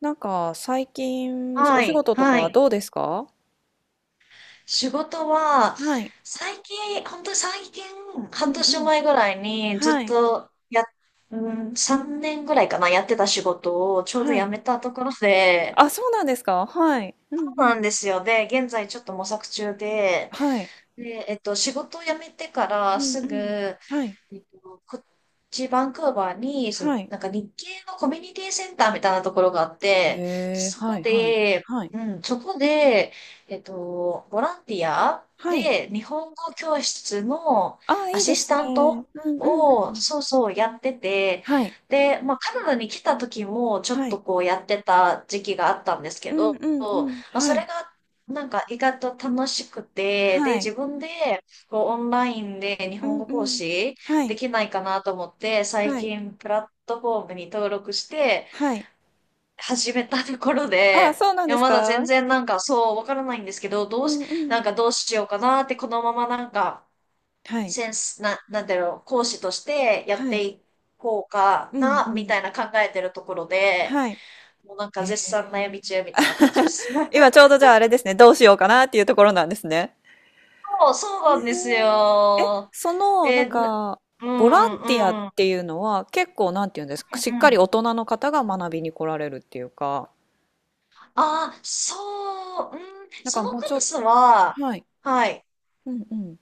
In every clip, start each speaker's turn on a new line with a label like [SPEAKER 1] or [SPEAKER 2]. [SPEAKER 1] なんか最近お
[SPEAKER 2] は
[SPEAKER 1] 仕
[SPEAKER 2] い、
[SPEAKER 1] 事と
[SPEAKER 2] は
[SPEAKER 1] か
[SPEAKER 2] い。
[SPEAKER 1] どうですか？
[SPEAKER 2] 仕事は、
[SPEAKER 1] はい。
[SPEAKER 2] 最近、本当に最近、
[SPEAKER 1] う
[SPEAKER 2] 半
[SPEAKER 1] んう
[SPEAKER 2] 年
[SPEAKER 1] ん。
[SPEAKER 2] 前ぐらいにず
[SPEAKER 1] は
[SPEAKER 2] っ
[SPEAKER 1] い。
[SPEAKER 2] とや、うん、3年ぐらいかな、やってた仕事をちょうど
[SPEAKER 1] は
[SPEAKER 2] 辞
[SPEAKER 1] い。
[SPEAKER 2] めたところで、
[SPEAKER 1] あ、そうなんですか？はい。うん
[SPEAKER 2] そ
[SPEAKER 1] う
[SPEAKER 2] うなん
[SPEAKER 1] ん。
[SPEAKER 2] ですよ。で、現在ちょっと模索中で、
[SPEAKER 1] はい。
[SPEAKER 2] 仕事を辞めてか
[SPEAKER 1] う
[SPEAKER 2] ら
[SPEAKER 1] ん
[SPEAKER 2] す
[SPEAKER 1] う
[SPEAKER 2] ぐ、
[SPEAKER 1] ん。はい。
[SPEAKER 2] こっちバンクーバーに、
[SPEAKER 1] はい。
[SPEAKER 2] なんか日系のコミュニティセンターみたいなところがあっ
[SPEAKER 1] へ
[SPEAKER 2] て、
[SPEAKER 1] え、
[SPEAKER 2] そ
[SPEAKER 1] は
[SPEAKER 2] こ
[SPEAKER 1] い、はい、
[SPEAKER 2] で、
[SPEAKER 1] はい。
[SPEAKER 2] うん、そこで、えっと、ボランティア
[SPEAKER 1] はい。
[SPEAKER 2] で日本語教室の
[SPEAKER 1] あ、
[SPEAKER 2] ア
[SPEAKER 1] いい
[SPEAKER 2] シ
[SPEAKER 1] です
[SPEAKER 2] スタント
[SPEAKER 1] ね。うんうんう
[SPEAKER 2] を、
[SPEAKER 1] ん。
[SPEAKER 2] そうそう、やってて、
[SPEAKER 1] はい。
[SPEAKER 2] で、まあ、カナダに来た時もちょっ
[SPEAKER 1] はい。
[SPEAKER 2] とこうやってた時期があったんです
[SPEAKER 1] う
[SPEAKER 2] け
[SPEAKER 1] ん
[SPEAKER 2] ど、
[SPEAKER 1] う
[SPEAKER 2] ま
[SPEAKER 1] んうん。
[SPEAKER 2] あ、そ
[SPEAKER 1] は
[SPEAKER 2] れ
[SPEAKER 1] い。
[SPEAKER 2] がなんか意外と楽しくて、で、
[SPEAKER 1] は
[SPEAKER 2] 自
[SPEAKER 1] い。
[SPEAKER 2] 分でこうオンラインで日
[SPEAKER 1] う
[SPEAKER 2] 本
[SPEAKER 1] ん
[SPEAKER 2] 語講
[SPEAKER 1] うん。
[SPEAKER 2] 師
[SPEAKER 1] は
[SPEAKER 2] で
[SPEAKER 1] い。
[SPEAKER 2] きないかなと思って、最
[SPEAKER 1] はい。
[SPEAKER 2] 近プラットフォームに登録して
[SPEAKER 1] はい。
[SPEAKER 2] 始めたところ
[SPEAKER 1] あ、
[SPEAKER 2] で、
[SPEAKER 1] そうなん
[SPEAKER 2] い
[SPEAKER 1] で
[SPEAKER 2] や、
[SPEAKER 1] す
[SPEAKER 2] まだ全
[SPEAKER 1] か？
[SPEAKER 2] 然なんかそうわからないんですけど、ど
[SPEAKER 1] う
[SPEAKER 2] うし、
[SPEAKER 1] んう
[SPEAKER 2] な
[SPEAKER 1] ん。
[SPEAKER 2] んかどうしようかなって、このままなんか、
[SPEAKER 1] はい。
[SPEAKER 2] センス、な、なんだろう、講師としてやっ
[SPEAKER 1] は
[SPEAKER 2] て
[SPEAKER 1] い。
[SPEAKER 2] いこうか
[SPEAKER 1] うんう
[SPEAKER 2] な、み
[SPEAKER 1] ん。
[SPEAKER 2] たいな考えてるところで、
[SPEAKER 1] はい。
[SPEAKER 2] もうなん
[SPEAKER 1] へ
[SPEAKER 2] か絶賛悩
[SPEAKER 1] え。
[SPEAKER 2] み中みたいな感じです。
[SPEAKER 1] 今ちょうどじゃああれですね、どうしようかなっていうところなんですね。
[SPEAKER 2] そう、そうなんです
[SPEAKER 1] えーえ、
[SPEAKER 2] よ。
[SPEAKER 1] その、な
[SPEAKER 2] え、
[SPEAKER 1] ん
[SPEAKER 2] うん、
[SPEAKER 1] か、
[SPEAKER 2] う
[SPEAKER 1] ボラン
[SPEAKER 2] ん、
[SPEAKER 1] ティアっ
[SPEAKER 2] うん。うん、
[SPEAKER 1] ていうのは結構なんていうんですか、しっかり大人の方が学びに来られるっていうか、
[SPEAKER 2] あ、そう、うん、
[SPEAKER 1] なんか
[SPEAKER 2] その
[SPEAKER 1] もう
[SPEAKER 2] ク
[SPEAKER 1] ちょ
[SPEAKER 2] ラ
[SPEAKER 1] っ
[SPEAKER 2] スは、
[SPEAKER 1] と、はい、
[SPEAKER 2] はい。
[SPEAKER 1] うんうん、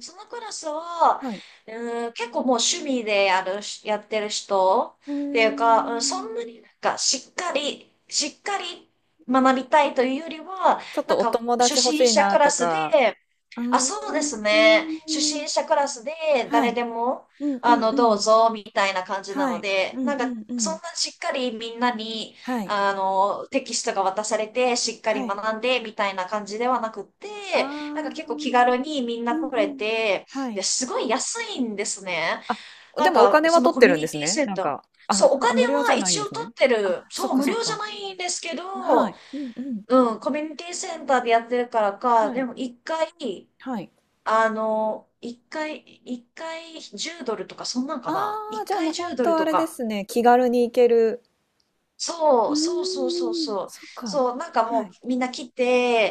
[SPEAKER 2] そのクラスは、
[SPEAKER 1] はい。
[SPEAKER 2] うん、結構もう趣味でやるし、やってる人
[SPEAKER 1] うー
[SPEAKER 2] っていうか、うん、そん
[SPEAKER 1] ん、
[SPEAKER 2] なになんかしっかり学びたいというよりは、
[SPEAKER 1] ちょっ
[SPEAKER 2] な
[SPEAKER 1] と
[SPEAKER 2] ん
[SPEAKER 1] お
[SPEAKER 2] か
[SPEAKER 1] 友
[SPEAKER 2] 初
[SPEAKER 1] 達欲し
[SPEAKER 2] 心
[SPEAKER 1] い
[SPEAKER 2] 者
[SPEAKER 1] な
[SPEAKER 2] クラ
[SPEAKER 1] と
[SPEAKER 2] スで、
[SPEAKER 1] か、う
[SPEAKER 2] あ、
[SPEAKER 1] ーん、
[SPEAKER 2] そうですね。初心者クラスで
[SPEAKER 1] は
[SPEAKER 2] 誰
[SPEAKER 1] い、
[SPEAKER 2] でも、
[SPEAKER 1] うんうんう
[SPEAKER 2] どう
[SPEAKER 1] ん、
[SPEAKER 2] ぞ、みたいな感じな
[SPEAKER 1] は
[SPEAKER 2] の
[SPEAKER 1] い、う
[SPEAKER 2] で、
[SPEAKER 1] ん
[SPEAKER 2] なん
[SPEAKER 1] う
[SPEAKER 2] か、
[SPEAKER 1] んう
[SPEAKER 2] そん
[SPEAKER 1] ん、
[SPEAKER 2] なしっかりみんなに、
[SPEAKER 1] はい、
[SPEAKER 2] テキストが渡されて、しっかり
[SPEAKER 1] はい、
[SPEAKER 2] 学んで、みたいな感じではなくっ
[SPEAKER 1] あ
[SPEAKER 2] て、なんか結
[SPEAKER 1] ー、
[SPEAKER 2] 構気軽にみん
[SPEAKER 1] う
[SPEAKER 2] な
[SPEAKER 1] ん
[SPEAKER 2] 来れ
[SPEAKER 1] うん、
[SPEAKER 2] て、
[SPEAKER 1] はい。
[SPEAKER 2] で、すごい安いんですね。
[SPEAKER 1] あ、
[SPEAKER 2] な
[SPEAKER 1] で
[SPEAKER 2] ん
[SPEAKER 1] もお
[SPEAKER 2] か、
[SPEAKER 1] 金
[SPEAKER 2] そ
[SPEAKER 1] は
[SPEAKER 2] の
[SPEAKER 1] 取っ
[SPEAKER 2] コ
[SPEAKER 1] て
[SPEAKER 2] ミュ
[SPEAKER 1] るんで
[SPEAKER 2] ニ
[SPEAKER 1] す
[SPEAKER 2] ティ
[SPEAKER 1] ね。
[SPEAKER 2] セン
[SPEAKER 1] なん
[SPEAKER 2] ター。
[SPEAKER 1] か、あ、
[SPEAKER 2] そう、お
[SPEAKER 1] 無
[SPEAKER 2] 金
[SPEAKER 1] 料じ
[SPEAKER 2] は
[SPEAKER 1] ゃないん
[SPEAKER 2] 一
[SPEAKER 1] で
[SPEAKER 2] 応
[SPEAKER 1] す
[SPEAKER 2] 取
[SPEAKER 1] ね。
[SPEAKER 2] って
[SPEAKER 1] あ、
[SPEAKER 2] る。
[SPEAKER 1] そっ
[SPEAKER 2] そう、
[SPEAKER 1] か
[SPEAKER 2] 無
[SPEAKER 1] そっ
[SPEAKER 2] 料じゃ
[SPEAKER 1] か。
[SPEAKER 2] ないんですけ
[SPEAKER 1] は
[SPEAKER 2] ど、
[SPEAKER 1] い。うんうん。
[SPEAKER 2] うん、コミュニティセンターでやってるからか、
[SPEAKER 1] は
[SPEAKER 2] で
[SPEAKER 1] い。
[SPEAKER 2] も一回、
[SPEAKER 1] はい。
[SPEAKER 2] あの、一回、一回10ドルとか、そんなん
[SPEAKER 1] あ
[SPEAKER 2] かな
[SPEAKER 1] あ、
[SPEAKER 2] 一
[SPEAKER 1] じゃあもう
[SPEAKER 2] 回
[SPEAKER 1] 本
[SPEAKER 2] 10ドル
[SPEAKER 1] 当あ
[SPEAKER 2] と
[SPEAKER 1] れで
[SPEAKER 2] か。
[SPEAKER 1] すね、気軽に行ける。う
[SPEAKER 2] そう、そうそうそう
[SPEAKER 1] ーん、
[SPEAKER 2] そう。
[SPEAKER 1] そっか。
[SPEAKER 2] そう、なんか
[SPEAKER 1] は
[SPEAKER 2] も
[SPEAKER 1] い。
[SPEAKER 2] うみんな来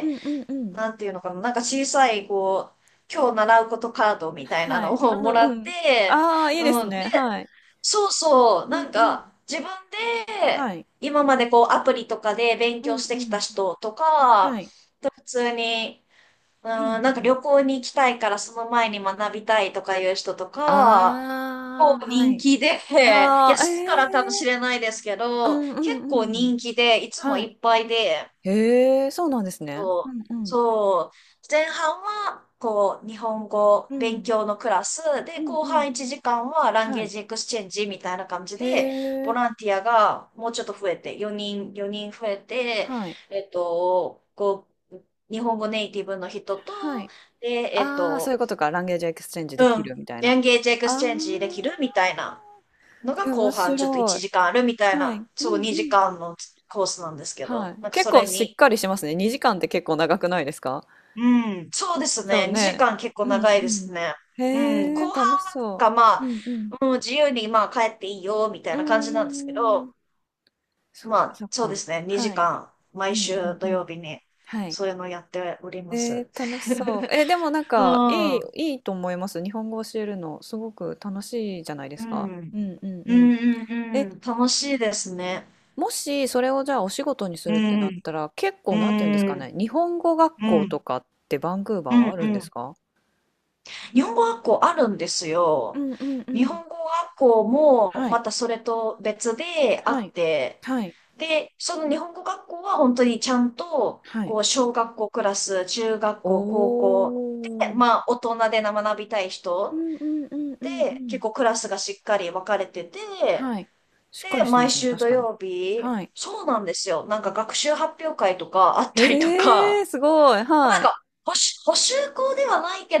[SPEAKER 1] うんうんうん。
[SPEAKER 2] なんていうのかな、なんか小さい、今日習うことカードみたいな
[SPEAKER 1] は
[SPEAKER 2] の
[SPEAKER 1] い。
[SPEAKER 2] を
[SPEAKER 1] う
[SPEAKER 2] もら
[SPEAKER 1] んう
[SPEAKER 2] っ
[SPEAKER 1] ん。
[SPEAKER 2] て、
[SPEAKER 1] ああ、いいで
[SPEAKER 2] う
[SPEAKER 1] す
[SPEAKER 2] ん。で、
[SPEAKER 1] ね。はい。
[SPEAKER 2] そうそう、
[SPEAKER 1] う
[SPEAKER 2] な
[SPEAKER 1] んう
[SPEAKER 2] ん
[SPEAKER 1] ん。
[SPEAKER 2] か自分で、
[SPEAKER 1] はい。
[SPEAKER 2] 今までこうアプリとかで勉
[SPEAKER 1] う
[SPEAKER 2] 強
[SPEAKER 1] ん
[SPEAKER 2] し
[SPEAKER 1] う
[SPEAKER 2] てきた
[SPEAKER 1] ん。
[SPEAKER 2] 人と
[SPEAKER 1] は
[SPEAKER 2] か、
[SPEAKER 1] い。
[SPEAKER 2] 普通に、うん、
[SPEAKER 1] うん
[SPEAKER 2] なんか
[SPEAKER 1] うん。
[SPEAKER 2] 旅行に行きたいからその前に学びたいとかいう人とか、
[SPEAKER 1] あ
[SPEAKER 2] 構
[SPEAKER 1] あ、は
[SPEAKER 2] 人
[SPEAKER 1] い。
[SPEAKER 2] 気で、いや、
[SPEAKER 1] ああ、え
[SPEAKER 2] してか
[SPEAKER 1] え。
[SPEAKER 2] らかもしれないですけ
[SPEAKER 1] う
[SPEAKER 2] ど、
[SPEAKER 1] んう
[SPEAKER 2] 結構
[SPEAKER 1] んうん。
[SPEAKER 2] 人気で、いつも
[SPEAKER 1] は
[SPEAKER 2] い
[SPEAKER 1] い。
[SPEAKER 2] っぱいで、
[SPEAKER 1] へえ、そうなんですね。
[SPEAKER 2] そ
[SPEAKER 1] う
[SPEAKER 2] う、
[SPEAKER 1] んうん。
[SPEAKER 2] そう、前半は、日本語
[SPEAKER 1] う
[SPEAKER 2] 勉
[SPEAKER 1] ん。
[SPEAKER 2] 強のクラス
[SPEAKER 1] う
[SPEAKER 2] で、
[SPEAKER 1] ん
[SPEAKER 2] 後
[SPEAKER 1] うん。
[SPEAKER 2] 半1時間はラン
[SPEAKER 1] は
[SPEAKER 2] ゲー
[SPEAKER 1] い。
[SPEAKER 2] ジエクスチェンジみたいな感じ
[SPEAKER 1] へ
[SPEAKER 2] で、ボ
[SPEAKER 1] え、
[SPEAKER 2] ランティアがもうちょっと増えて、4人増えて、
[SPEAKER 1] はい。
[SPEAKER 2] えっと、こう、日本語ネイティブの人と、
[SPEAKER 1] はい。
[SPEAKER 2] で、えっ
[SPEAKER 1] ああ、そういう
[SPEAKER 2] と、
[SPEAKER 1] ことか。ランゲージエクスチェンジで
[SPEAKER 2] う
[SPEAKER 1] き
[SPEAKER 2] ん、
[SPEAKER 1] るみたいな。
[SPEAKER 2] ランゲージエク
[SPEAKER 1] あ
[SPEAKER 2] スチェンジでき
[SPEAKER 1] あ、
[SPEAKER 2] るみたいな。のが
[SPEAKER 1] え、面
[SPEAKER 2] 後半ちょっと
[SPEAKER 1] 白
[SPEAKER 2] 1
[SPEAKER 1] い。
[SPEAKER 2] 時間あるみたい
[SPEAKER 1] はい。
[SPEAKER 2] な、
[SPEAKER 1] う
[SPEAKER 2] そう
[SPEAKER 1] んう
[SPEAKER 2] 2
[SPEAKER 1] ん。
[SPEAKER 2] 時間のコースなんですけど、
[SPEAKER 1] はい。
[SPEAKER 2] なんか
[SPEAKER 1] 結
[SPEAKER 2] そ
[SPEAKER 1] 構
[SPEAKER 2] れ
[SPEAKER 1] し
[SPEAKER 2] に、
[SPEAKER 1] っかりしますね。2時間って結構長くないですか？
[SPEAKER 2] うん、そうです
[SPEAKER 1] そう
[SPEAKER 2] ね、2
[SPEAKER 1] ね。
[SPEAKER 2] 時間結構
[SPEAKER 1] うんう
[SPEAKER 2] 長いで
[SPEAKER 1] ん。
[SPEAKER 2] すね。うん、
[SPEAKER 1] へえ、
[SPEAKER 2] 後半
[SPEAKER 1] 楽し
[SPEAKER 2] はなん
[SPEAKER 1] そ
[SPEAKER 2] かま
[SPEAKER 1] う。
[SPEAKER 2] あ、
[SPEAKER 1] うんうん。
[SPEAKER 2] もう自由にまあ帰っていいよみた
[SPEAKER 1] う
[SPEAKER 2] いな
[SPEAKER 1] ん
[SPEAKER 2] 感
[SPEAKER 1] うん
[SPEAKER 2] じなんですけ
[SPEAKER 1] うんう
[SPEAKER 2] ど、
[SPEAKER 1] ん。そっ
[SPEAKER 2] ま
[SPEAKER 1] かそ
[SPEAKER 2] あ
[SPEAKER 1] っ
[SPEAKER 2] そうで
[SPEAKER 1] か。
[SPEAKER 2] すね、2
[SPEAKER 1] はい。
[SPEAKER 2] 時間
[SPEAKER 1] う
[SPEAKER 2] 毎
[SPEAKER 1] んう
[SPEAKER 2] 週土
[SPEAKER 1] んう
[SPEAKER 2] 曜
[SPEAKER 1] ん。
[SPEAKER 2] 日に
[SPEAKER 1] はい。
[SPEAKER 2] そういうのをやっておりま
[SPEAKER 1] え
[SPEAKER 2] す。
[SPEAKER 1] ー、楽しそう。えー、でも なん
[SPEAKER 2] う
[SPEAKER 1] か、
[SPEAKER 2] ん、うん、
[SPEAKER 1] いいと思います。日本語教えるの、すごく楽しいじゃないで
[SPEAKER 2] う
[SPEAKER 1] すか。
[SPEAKER 2] ん、
[SPEAKER 1] うんうん
[SPEAKER 2] う
[SPEAKER 1] うん。
[SPEAKER 2] ん、
[SPEAKER 1] え、
[SPEAKER 2] うん楽しいですね。
[SPEAKER 1] もし、それをじゃあお仕事にす
[SPEAKER 2] う
[SPEAKER 1] るってなっ
[SPEAKER 2] ん、
[SPEAKER 1] たら、結
[SPEAKER 2] う
[SPEAKER 1] 構、なんて言うんです
[SPEAKER 2] ん、
[SPEAKER 1] か
[SPEAKER 2] うん、
[SPEAKER 1] ね、日本語学
[SPEAKER 2] う
[SPEAKER 1] 校
[SPEAKER 2] ん、
[SPEAKER 1] とかってバンクーバー
[SPEAKER 2] う
[SPEAKER 1] は
[SPEAKER 2] ん。
[SPEAKER 1] あるん
[SPEAKER 2] う
[SPEAKER 1] です
[SPEAKER 2] ん、
[SPEAKER 1] か？
[SPEAKER 2] 日本語学校あるんです
[SPEAKER 1] う
[SPEAKER 2] よ。
[SPEAKER 1] んうんう
[SPEAKER 2] 日
[SPEAKER 1] ん。
[SPEAKER 2] 本語学校も、
[SPEAKER 1] はい、
[SPEAKER 2] またそれと別であ
[SPEAKER 1] は
[SPEAKER 2] っ
[SPEAKER 1] い、
[SPEAKER 2] て、
[SPEAKER 1] はい、
[SPEAKER 2] で、その日本語学校は本当にちゃんと、
[SPEAKER 1] はい。
[SPEAKER 2] 小学校クラス、中学
[SPEAKER 1] お
[SPEAKER 2] 校、高校で、
[SPEAKER 1] ー。
[SPEAKER 2] まあ、大人で学びたい
[SPEAKER 1] う
[SPEAKER 2] 人
[SPEAKER 1] んうんうんうんう
[SPEAKER 2] で、
[SPEAKER 1] ん。
[SPEAKER 2] 結構クラスがしっかり分かれてて、
[SPEAKER 1] はい。しっか
[SPEAKER 2] で、
[SPEAKER 1] りしてま
[SPEAKER 2] 毎
[SPEAKER 1] すね、
[SPEAKER 2] 週
[SPEAKER 1] 確
[SPEAKER 2] 土
[SPEAKER 1] かに。
[SPEAKER 2] 曜日、
[SPEAKER 1] はい。
[SPEAKER 2] そうなんですよ。なんか学習発表会とかあったりと
[SPEAKER 1] えー、
[SPEAKER 2] か、
[SPEAKER 1] すごい、
[SPEAKER 2] まあな
[SPEAKER 1] は
[SPEAKER 2] ん
[SPEAKER 1] い。
[SPEAKER 2] か、補習校ではないけ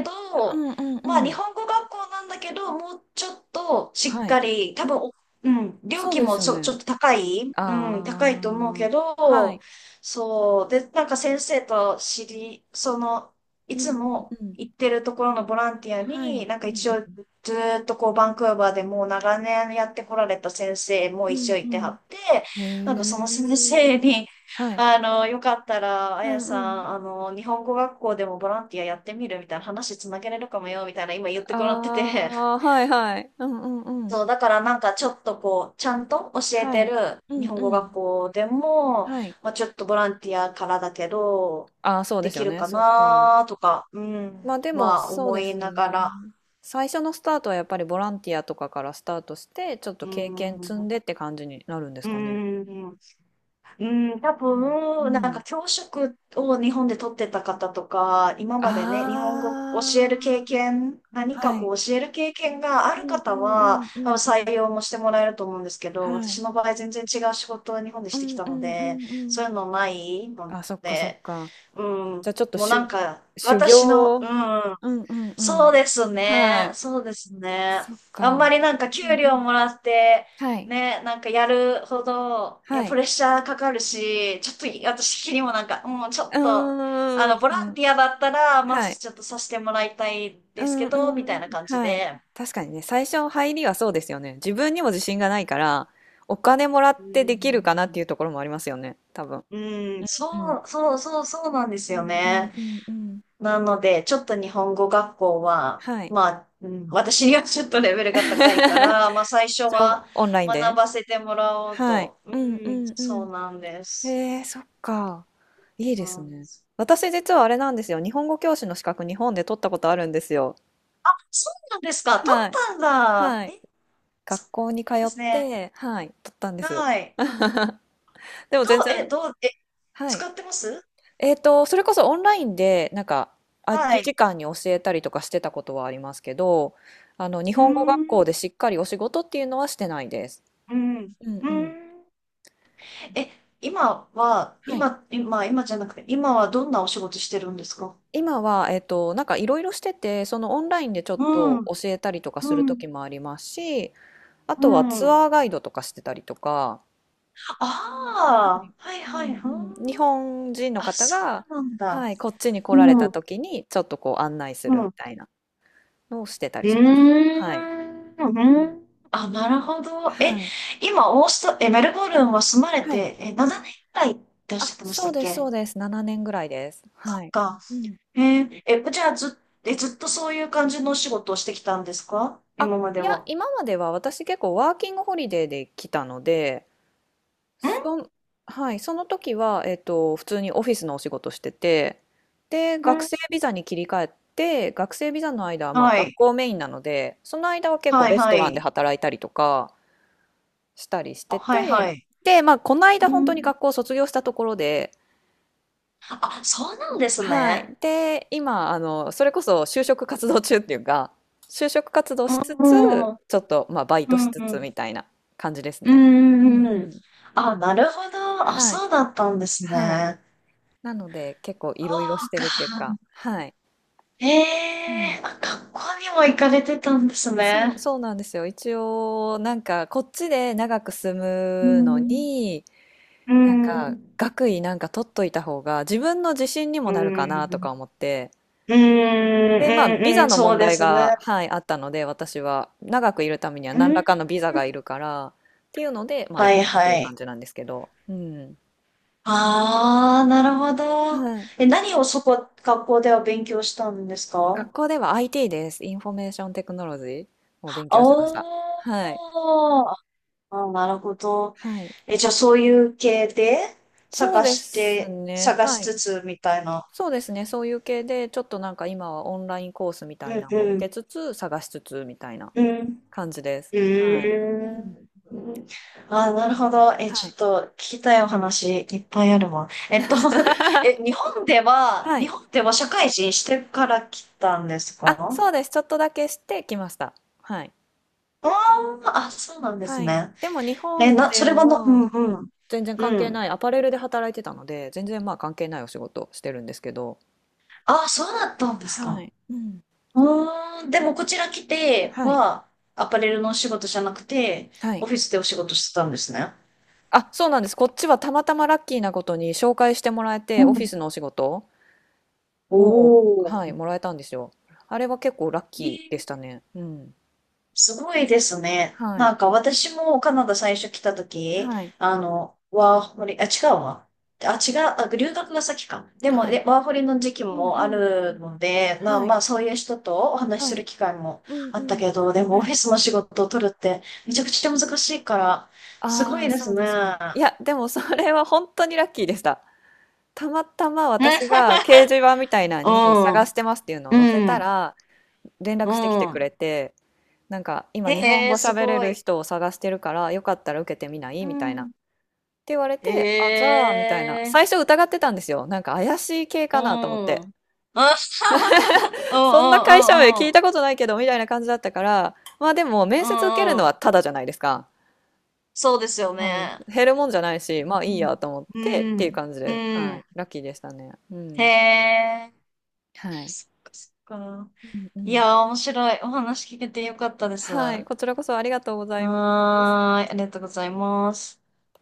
[SPEAKER 1] う
[SPEAKER 2] ど、
[SPEAKER 1] んう
[SPEAKER 2] まあ
[SPEAKER 1] んう
[SPEAKER 2] 日
[SPEAKER 1] ん。
[SPEAKER 2] 本語学校なんだけど、もうちょっとしっ
[SPEAKER 1] はい。
[SPEAKER 2] かり、多分お、うん、料
[SPEAKER 1] そう
[SPEAKER 2] 金
[SPEAKER 1] で
[SPEAKER 2] も
[SPEAKER 1] すよ
[SPEAKER 2] ちょ、ち
[SPEAKER 1] ね。
[SPEAKER 2] ょっと高い、
[SPEAKER 1] あ
[SPEAKER 2] うん、高いと思うけ
[SPEAKER 1] あ、は
[SPEAKER 2] ど、
[SPEAKER 1] い。
[SPEAKER 2] そう、で、なんか先生と知り、その、い
[SPEAKER 1] うんう
[SPEAKER 2] つ
[SPEAKER 1] ん
[SPEAKER 2] も
[SPEAKER 1] うん。
[SPEAKER 2] 行ってるところのボランティア
[SPEAKER 1] は
[SPEAKER 2] に、
[SPEAKER 1] い。
[SPEAKER 2] なん
[SPEAKER 1] う
[SPEAKER 2] か
[SPEAKER 1] ん
[SPEAKER 2] 一
[SPEAKER 1] う
[SPEAKER 2] 応
[SPEAKER 1] ん。
[SPEAKER 2] ずっとバンクーバーでもう長年やってこられた先生も
[SPEAKER 1] う
[SPEAKER 2] 一応
[SPEAKER 1] んう
[SPEAKER 2] いては
[SPEAKER 1] ん。
[SPEAKER 2] って、
[SPEAKER 1] へ
[SPEAKER 2] なんかその先生
[SPEAKER 1] え。
[SPEAKER 2] に、
[SPEAKER 1] はい。
[SPEAKER 2] よかったら、あ
[SPEAKER 1] う
[SPEAKER 2] や
[SPEAKER 1] ん
[SPEAKER 2] さ
[SPEAKER 1] うん。
[SPEAKER 2] ん、日本語学校でもボランティアやってみるみたいな話つなげれるかもよ、みたいな今言ってもらって
[SPEAKER 1] あ
[SPEAKER 2] て。
[SPEAKER 1] あ、はいはい。うんうんう
[SPEAKER 2] そう、
[SPEAKER 1] ん。
[SPEAKER 2] だからなんかちょっとちゃんと教え
[SPEAKER 1] は
[SPEAKER 2] て
[SPEAKER 1] い。
[SPEAKER 2] る
[SPEAKER 1] う
[SPEAKER 2] 日
[SPEAKER 1] ん
[SPEAKER 2] 本語
[SPEAKER 1] う
[SPEAKER 2] 学
[SPEAKER 1] ん。
[SPEAKER 2] 校でも、
[SPEAKER 1] はい。
[SPEAKER 2] まあちょっとボランティアからだけど、
[SPEAKER 1] ああ、そうで
[SPEAKER 2] で
[SPEAKER 1] すよ
[SPEAKER 2] きる
[SPEAKER 1] ね。
[SPEAKER 2] か
[SPEAKER 1] そっか。
[SPEAKER 2] なとか、う
[SPEAKER 1] ま
[SPEAKER 2] ん、
[SPEAKER 1] あでも、
[SPEAKER 2] まあ
[SPEAKER 1] そう
[SPEAKER 2] 思
[SPEAKER 1] で
[SPEAKER 2] い
[SPEAKER 1] す
[SPEAKER 2] な
[SPEAKER 1] ね。
[SPEAKER 2] がら、
[SPEAKER 1] 最初のスタートはやっぱりボランティアとかからスタートして、ちょっと
[SPEAKER 2] う
[SPEAKER 1] 経験積ん
[SPEAKER 2] ん、
[SPEAKER 1] でって感じになるんです
[SPEAKER 2] う
[SPEAKER 1] かね。
[SPEAKER 2] ん、うん、多
[SPEAKER 1] うん。
[SPEAKER 2] 分、なん
[SPEAKER 1] うん。
[SPEAKER 2] か教職を日本で取ってた方とか、今までね、日本語教える経
[SPEAKER 1] あ
[SPEAKER 2] 験、何
[SPEAKER 1] あ、は
[SPEAKER 2] か
[SPEAKER 1] い。
[SPEAKER 2] 教える経験があ
[SPEAKER 1] う
[SPEAKER 2] る
[SPEAKER 1] んう
[SPEAKER 2] 方
[SPEAKER 1] んう
[SPEAKER 2] は、
[SPEAKER 1] んうんうん。
[SPEAKER 2] 採用もしてもらえると思うんですけど、
[SPEAKER 1] は
[SPEAKER 2] 私
[SPEAKER 1] い。
[SPEAKER 2] の場合全然違う仕事を日本で
[SPEAKER 1] う
[SPEAKER 2] してき
[SPEAKER 1] ん
[SPEAKER 2] た
[SPEAKER 1] う
[SPEAKER 2] の
[SPEAKER 1] んう
[SPEAKER 2] で、
[SPEAKER 1] んう
[SPEAKER 2] そ
[SPEAKER 1] ん。
[SPEAKER 2] ういうのないの
[SPEAKER 1] あ、そっかそっ
[SPEAKER 2] で、
[SPEAKER 1] か。
[SPEAKER 2] うん、
[SPEAKER 1] じゃあちょっと
[SPEAKER 2] もうなんか、
[SPEAKER 1] 修
[SPEAKER 2] 私の、
[SPEAKER 1] 行
[SPEAKER 2] う
[SPEAKER 1] を。
[SPEAKER 2] ん、
[SPEAKER 1] うんうんう
[SPEAKER 2] そうです
[SPEAKER 1] ん。は
[SPEAKER 2] ね。
[SPEAKER 1] い。
[SPEAKER 2] そうですね。
[SPEAKER 1] そっ
[SPEAKER 2] あんま
[SPEAKER 1] か。
[SPEAKER 2] りなんか
[SPEAKER 1] う
[SPEAKER 2] 給
[SPEAKER 1] んう
[SPEAKER 2] 料
[SPEAKER 1] ん。
[SPEAKER 2] もらって、
[SPEAKER 1] はい。
[SPEAKER 2] ね、なんかやるほど、いや、
[SPEAKER 1] は
[SPEAKER 2] プ
[SPEAKER 1] い。
[SPEAKER 2] レッシャーかかるし、ちょっとい私的にもなんか、もうんちょ
[SPEAKER 1] う
[SPEAKER 2] っと、あ
[SPEAKER 1] ー
[SPEAKER 2] の、ボラン
[SPEAKER 1] ん。
[SPEAKER 2] ティアだったら、ま
[SPEAKER 1] はい。
[SPEAKER 2] ずちょっとさせてもらいたい
[SPEAKER 1] う
[SPEAKER 2] です
[SPEAKER 1] ん
[SPEAKER 2] けど、み
[SPEAKER 1] う
[SPEAKER 2] たい
[SPEAKER 1] ん。
[SPEAKER 2] な感じ
[SPEAKER 1] はい。
[SPEAKER 2] で。
[SPEAKER 1] 確かにね、最初の入りはそうですよね。自分にも自信がないから、お金もらっ
[SPEAKER 2] う
[SPEAKER 1] てできるかなってい
[SPEAKER 2] ん、
[SPEAKER 1] うところもありますよね、多分。
[SPEAKER 2] うん、
[SPEAKER 1] うん。
[SPEAKER 2] そう、そう、そう、そうなんで
[SPEAKER 1] う
[SPEAKER 2] すよ
[SPEAKER 1] んうん
[SPEAKER 2] ね。
[SPEAKER 1] うんうん。
[SPEAKER 2] なので、ちょっと日本語学校は、
[SPEAKER 1] はい。
[SPEAKER 2] まあ、うん、私にはちょっとレベルが高いか ら、まあ最初
[SPEAKER 1] そう、
[SPEAKER 2] は
[SPEAKER 1] オンライン
[SPEAKER 2] 学
[SPEAKER 1] で。
[SPEAKER 2] ばせてもらおう
[SPEAKER 1] はい。
[SPEAKER 2] と。う
[SPEAKER 1] うんう
[SPEAKER 2] ん、
[SPEAKER 1] ん
[SPEAKER 2] そう
[SPEAKER 1] う
[SPEAKER 2] なんで
[SPEAKER 1] ん。
[SPEAKER 2] す。
[SPEAKER 1] へえ、そっか。いい
[SPEAKER 2] う
[SPEAKER 1] です
[SPEAKER 2] ん、
[SPEAKER 1] ね。私実はあれなんですよ。日本語教師の資格日本で取ったことあるんですよ。
[SPEAKER 2] そうなんですか。取
[SPEAKER 1] は
[SPEAKER 2] っ
[SPEAKER 1] い。
[SPEAKER 2] たんだ。
[SPEAKER 1] はい。
[SPEAKER 2] え、そう
[SPEAKER 1] 学校に
[SPEAKER 2] な
[SPEAKER 1] 通
[SPEAKER 2] んで
[SPEAKER 1] っ
[SPEAKER 2] すね。
[SPEAKER 1] て、はい、取ったんです。
[SPEAKER 2] はい。
[SPEAKER 1] でも
[SPEAKER 2] どう、
[SPEAKER 1] 全然、
[SPEAKER 2] え、どう、え、
[SPEAKER 1] はい。
[SPEAKER 2] 使ってます？
[SPEAKER 1] それこそオンラインで、なんか、空
[SPEAKER 2] は
[SPEAKER 1] き時
[SPEAKER 2] い。
[SPEAKER 1] 間に教えたりとかしてたことはありますけど、あの、日
[SPEAKER 2] うー
[SPEAKER 1] 本語学
[SPEAKER 2] ん、
[SPEAKER 1] 校でしっかりお仕事っていうのはしてないです。
[SPEAKER 2] うん、
[SPEAKER 1] うん
[SPEAKER 2] う
[SPEAKER 1] うん。
[SPEAKER 2] ん。え、今は、
[SPEAKER 1] はい。
[SPEAKER 2] 今、今、今じゃなくて、今はどんなお仕事してるんですか？
[SPEAKER 1] 今は、なんかいろいろしてて、そのオンラインでちょ
[SPEAKER 2] う
[SPEAKER 1] っと
[SPEAKER 2] ん、
[SPEAKER 1] 教えたりとかす
[SPEAKER 2] う
[SPEAKER 1] る
[SPEAKER 2] ん、
[SPEAKER 1] 時もありますし、あ
[SPEAKER 2] う
[SPEAKER 1] とはツ
[SPEAKER 2] ん。
[SPEAKER 1] アーガイドとかしてたりとか、
[SPEAKER 2] あ
[SPEAKER 1] はい、
[SPEAKER 2] あ、はい
[SPEAKER 1] う
[SPEAKER 2] はい、ふん。
[SPEAKER 1] んうん、日本人の
[SPEAKER 2] あ、
[SPEAKER 1] 方
[SPEAKER 2] そ
[SPEAKER 1] が、
[SPEAKER 2] うなんだ。
[SPEAKER 1] はい、こっちに来
[SPEAKER 2] う
[SPEAKER 1] られ
[SPEAKER 2] ん、う
[SPEAKER 1] た
[SPEAKER 2] ん。
[SPEAKER 1] 時にちょっとこう案内するみ
[SPEAKER 2] う
[SPEAKER 1] たいなのをしてたり
[SPEAKER 2] ー
[SPEAKER 1] します。はい。
[SPEAKER 2] ん、う
[SPEAKER 1] うん。
[SPEAKER 2] ん。あ、なるほど。え、
[SPEAKER 1] はい。
[SPEAKER 2] 今、オースト、え、メルボルンは住まれ
[SPEAKER 1] はい。
[SPEAKER 2] て、7年くらいっておっしゃ
[SPEAKER 1] あ、
[SPEAKER 2] ってまし
[SPEAKER 1] そ
[SPEAKER 2] た
[SPEAKER 1] う
[SPEAKER 2] っ
[SPEAKER 1] です、そう
[SPEAKER 2] け？
[SPEAKER 1] です。7年ぐらいです。
[SPEAKER 2] そ
[SPEAKER 1] は
[SPEAKER 2] っ
[SPEAKER 1] い。
[SPEAKER 2] か。
[SPEAKER 1] うん。
[SPEAKER 2] えーえ、じゃあず、え、ずっとそういう感じのお仕事をしてきたんですか、
[SPEAKER 1] あ、
[SPEAKER 2] 今まで
[SPEAKER 1] いや、
[SPEAKER 2] は？
[SPEAKER 1] 今までは私結構ワーキングホリデーで来たので、そ
[SPEAKER 2] ん
[SPEAKER 1] ん、はい、その時は、普通にオフィスのお仕事してて、で、
[SPEAKER 2] う
[SPEAKER 1] 学
[SPEAKER 2] ん。
[SPEAKER 1] 生ビザに切り替えて、学生ビザの間は、まあ、
[SPEAKER 2] は
[SPEAKER 1] 学
[SPEAKER 2] い。
[SPEAKER 1] 校メインなので、その間は結構
[SPEAKER 2] はい、
[SPEAKER 1] レス
[SPEAKER 2] は
[SPEAKER 1] トランで
[SPEAKER 2] い。
[SPEAKER 1] 働いたりとかしたりし
[SPEAKER 2] あ、
[SPEAKER 1] て
[SPEAKER 2] はい、
[SPEAKER 1] て、
[SPEAKER 2] はい。
[SPEAKER 1] で、まあ、この間
[SPEAKER 2] う
[SPEAKER 1] 本当に
[SPEAKER 2] ん。
[SPEAKER 1] 学校を卒業したところで、
[SPEAKER 2] あ、そうなんです
[SPEAKER 1] は
[SPEAKER 2] ね。
[SPEAKER 1] い。で、今、あの、それこそ就職活動中っていうか、就職活動
[SPEAKER 2] う
[SPEAKER 1] しつつ、
[SPEAKER 2] ん。うん、
[SPEAKER 1] ちょっと、まあ、バイ
[SPEAKER 2] う
[SPEAKER 1] トし
[SPEAKER 2] ん、
[SPEAKER 1] つ
[SPEAKER 2] う
[SPEAKER 1] つ
[SPEAKER 2] ん。
[SPEAKER 1] みたいな感じです
[SPEAKER 2] う
[SPEAKER 1] ね。うん
[SPEAKER 2] ーん。
[SPEAKER 1] うん。
[SPEAKER 2] あ、なるほど。あ、
[SPEAKER 1] はい。
[SPEAKER 2] そうだったんです
[SPEAKER 1] はい。
[SPEAKER 2] ね。
[SPEAKER 1] なので結構
[SPEAKER 2] そ
[SPEAKER 1] いろいろし
[SPEAKER 2] う
[SPEAKER 1] てるって
[SPEAKER 2] か。
[SPEAKER 1] いうか、はい。
[SPEAKER 2] え
[SPEAKER 1] うん。
[SPEAKER 2] えーあ、学校にも行かれてたんです
[SPEAKER 1] そう、
[SPEAKER 2] ね。
[SPEAKER 1] そうなんですよ。一応、なんかこっちで長く住
[SPEAKER 2] う
[SPEAKER 1] むの
[SPEAKER 2] ん。
[SPEAKER 1] に、
[SPEAKER 2] う
[SPEAKER 1] なんか
[SPEAKER 2] ん。
[SPEAKER 1] 学位なんか取っといた方が自分の自信にも
[SPEAKER 2] う
[SPEAKER 1] なるかなと
[SPEAKER 2] ん。
[SPEAKER 1] か思って。
[SPEAKER 2] うん。う
[SPEAKER 1] で、まあ、ビ
[SPEAKER 2] ん。う
[SPEAKER 1] ザ
[SPEAKER 2] ん、
[SPEAKER 1] の
[SPEAKER 2] そう
[SPEAKER 1] 問
[SPEAKER 2] で
[SPEAKER 1] 題
[SPEAKER 2] す
[SPEAKER 1] が、
[SPEAKER 2] ね。
[SPEAKER 1] はい、あったので、私は長くいるためには
[SPEAKER 2] う
[SPEAKER 1] 何ら
[SPEAKER 2] ん。
[SPEAKER 1] かのビザがいるから、っていうので、まあ、行
[SPEAKER 2] は
[SPEAKER 1] っ
[SPEAKER 2] い
[SPEAKER 1] たってい
[SPEAKER 2] は
[SPEAKER 1] う感
[SPEAKER 2] い。
[SPEAKER 1] じなんですけど。うん。
[SPEAKER 2] ああ、なるほど。
[SPEAKER 1] はい。
[SPEAKER 2] え、何をそこ、学校では勉強したんですか？
[SPEAKER 1] 学校では IT です。インフォメーションテクノロジーを勉強しました。はい。
[SPEAKER 2] おー。ああ、なるほど。
[SPEAKER 1] はい。
[SPEAKER 2] え、じゃあそういう系で
[SPEAKER 1] そう
[SPEAKER 2] 探
[SPEAKER 1] で
[SPEAKER 2] し
[SPEAKER 1] す
[SPEAKER 2] て、
[SPEAKER 1] ね。
[SPEAKER 2] 探し
[SPEAKER 1] はい。
[SPEAKER 2] つつみたいな。
[SPEAKER 1] そうですね。そういう系で、ちょっとなんか今はオンラインコースみ
[SPEAKER 2] う
[SPEAKER 1] たい
[SPEAKER 2] ん
[SPEAKER 1] なのも
[SPEAKER 2] う
[SPEAKER 1] 受
[SPEAKER 2] ん。
[SPEAKER 1] けつつ、探しつつみたいな
[SPEAKER 2] うん。
[SPEAKER 1] 感じです。
[SPEAKER 2] う
[SPEAKER 1] はい。う
[SPEAKER 2] ー
[SPEAKER 1] ん。
[SPEAKER 2] ん。ああ、なるほど。え、ち
[SPEAKER 1] は
[SPEAKER 2] ょ
[SPEAKER 1] い。
[SPEAKER 2] っと聞きたいお話いっぱいあるわ。え、日 本では、
[SPEAKER 1] は
[SPEAKER 2] 日
[SPEAKER 1] い。
[SPEAKER 2] 本では社会人してから来たんですか？
[SPEAKER 1] あ、そうです。ちょっとだけしてきました。はい。
[SPEAKER 2] ああ、あ、そうなんです
[SPEAKER 1] はい。
[SPEAKER 2] ね。
[SPEAKER 1] でも日本
[SPEAKER 2] そ
[SPEAKER 1] で
[SPEAKER 2] れはな、う
[SPEAKER 1] は
[SPEAKER 2] んうん。
[SPEAKER 1] 全然関
[SPEAKER 2] う
[SPEAKER 1] 係
[SPEAKER 2] ん。
[SPEAKER 1] ない、アパレルで働いてたので、全然まあ関係ないお仕事してるんですけど。
[SPEAKER 2] ああ、そうだったんです
[SPEAKER 1] は
[SPEAKER 2] か。
[SPEAKER 1] い。うん。
[SPEAKER 2] うーん、でもこちら来て
[SPEAKER 1] はい。
[SPEAKER 2] は、アパレルのお仕事じゃなくて、
[SPEAKER 1] は
[SPEAKER 2] オ
[SPEAKER 1] い。
[SPEAKER 2] フィスでお仕事してたんですね。
[SPEAKER 1] あ、そうなんです。こっちはたまたまラッキーなことに紹介してもらえ
[SPEAKER 2] う
[SPEAKER 1] て、オフィ
[SPEAKER 2] ん。
[SPEAKER 1] スのお仕事を、
[SPEAKER 2] お
[SPEAKER 1] はい、
[SPEAKER 2] ー。
[SPEAKER 1] もらえたんですよ。あれは結構ラッ
[SPEAKER 2] え
[SPEAKER 1] キーでし
[SPEAKER 2] ー
[SPEAKER 1] たね。うん。
[SPEAKER 2] すごいですね。
[SPEAKER 1] はい。
[SPEAKER 2] なんか私もカナダ最初来た時、
[SPEAKER 1] はい。
[SPEAKER 2] ワーホリ、あ、違うわ。あ、違う、あ、留学が先か。でも、
[SPEAKER 1] はい。
[SPEAKER 2] ワーホリの時期
[SPEAKER 1] うん
[SPEAKER 2] もあ
[SPEAKER 1] うん。
[SPEAKER 2] るので、まあ
[SPEAKER 1] は
[SPEAKER 2] ま
[SPEAKER 1] い。
[SPEAKER 2] あ、そういう人とお話し
[SPEAKER 1] は
[SPEAKER 2] す
[SPEAKER 1] い。
[SPEAKER 2] る機会も
[SPEAKER 1] うん
[SPEAKER 2] あっ
[SPEAKER 1] う
[SPEAKER 2] た
[SPEAKER 1] ん。
[SPEAKER 2] けど、でもオ
[SPEAKER 1] は
[SPEAKER 2] フィ
[SPEAKER 1] い。
[SPEAKER 2] スの仕事を取るってめちゃくちゃ難しいから、すご
[SPEAKER 1] あ
[SPEAKER 2] い
[SPEAKER 1] あ、
[SPEAKER 2] で
[SPEAKER 1] そ
[SPEAKER 2] す
[SPEAKER 1] う
[SPEAKER 2] ね。
[SPEAKER 1] ですよね。いや、でもそれは本当にラッキーでした。たまたま私が掲示板みたいな
[SPEAKER 2] う
[SPEAKER 1] のに探
[SPEAKER 2] ん、
[SPEAKER 1] してますっていうのを載せ
[SPEAKER 2] う
[SPEAKER 1] た
[SPEAKER 2] ん、
[SPEAKER 1] ら、連
[SPEAKER 2] う
[SPEAKER 1] 絡してきてく
[SPEAKER 2] ん。
[SPEAKER 1] れて、なんか今日本
[SPEAKER 2] へ
[SPEAKER 1] 語
[SPEAKER 2] え、す
[SPEAKER 1] 喋れ
[SPEAKER 2] ご
[SPEAKER 1] る
[SPEAKER 2] い。
[SPEAKER 1] 人を探してるから、よかったら受けてみない？
[SPEAKER 2] う
[SPEAKER 1] みたいな
[SPEAKER 2] ん。
[SPEAKER 1] て言われて、あ、じ
[SPEAKER 2] へ
[SPEAKER 1] ゃあ、みたいな。
[SPEAKER 2] え、
[SPEAKER 1] 最初疑ってたんですよ。なんか怪しい系
[SPEAKER 2] うん。
[SPEAKER 1] かなと思っ
[SPEAKER 2] あ
[SPEAKER 1] て。
[SPEAKER 2] はは
[SPEAKER 1] そんな
[SPEAKER 2] は、う
[SPEAKER 1] 会
[SPEAKER 2] ん
[SPEAKER 1] 社名
[SPEAKER 2] うんう
[SPEAKER 1] 聞
[SPEAKER 2] ん
[SPEAKER 1] い
[SPEAKER 2] う
[SPEAKER 1] たことないけど、みたいな感じだったから、まあでも、
[SPEAKER 2] ん。
[SPEAKER 1] 面
[SPEAKER 2] う
[SPEAKER 1] 接受ける
[SPEAKER 2] ん
[SPEAKER 1] の
[SPEAKER 2] うん。
[SPEAKER 1] はただじゃないですか。
[SPEAKER 2] そうですよ
[SPEAKER 1] うん。
[SPEAKER 2] ね。
[SPEAKER 1] 減るもんじゃないし、まあいい
[SPEAKER 2] うん。
[SPEAKER 1] やと思っ
[SPEAKER 2] う
[SPEAKER 1] てっていう
[SPEAKER 2] ん。
[SPEAKER 1] 感じ
[SPEAKER 2] う
[SPEAKER 1] で、は
[SPEAKER 2] ん。
[SPEAKER 1] い。ラッキーでしたね。う
[SPEAKER 2] へ
[SPEAKER 1] ん。
[SPEAKER 2] え、
[SPEAKER 1] はい。
[SPEAKER 2] そっか。
[SPEAKER 1] うんう
[SPEAKER 2] い
[SPEAKER 1] ん。
[SPEAKER 2] やー、面白い。お話聞けてよかったです。
[SPEAKER 1] はい。
[SPEAKER 2] は
[SPEAKER 1] こちらこそありがとうございます。
[SPEAKER 2] ーい、ありがとうございます。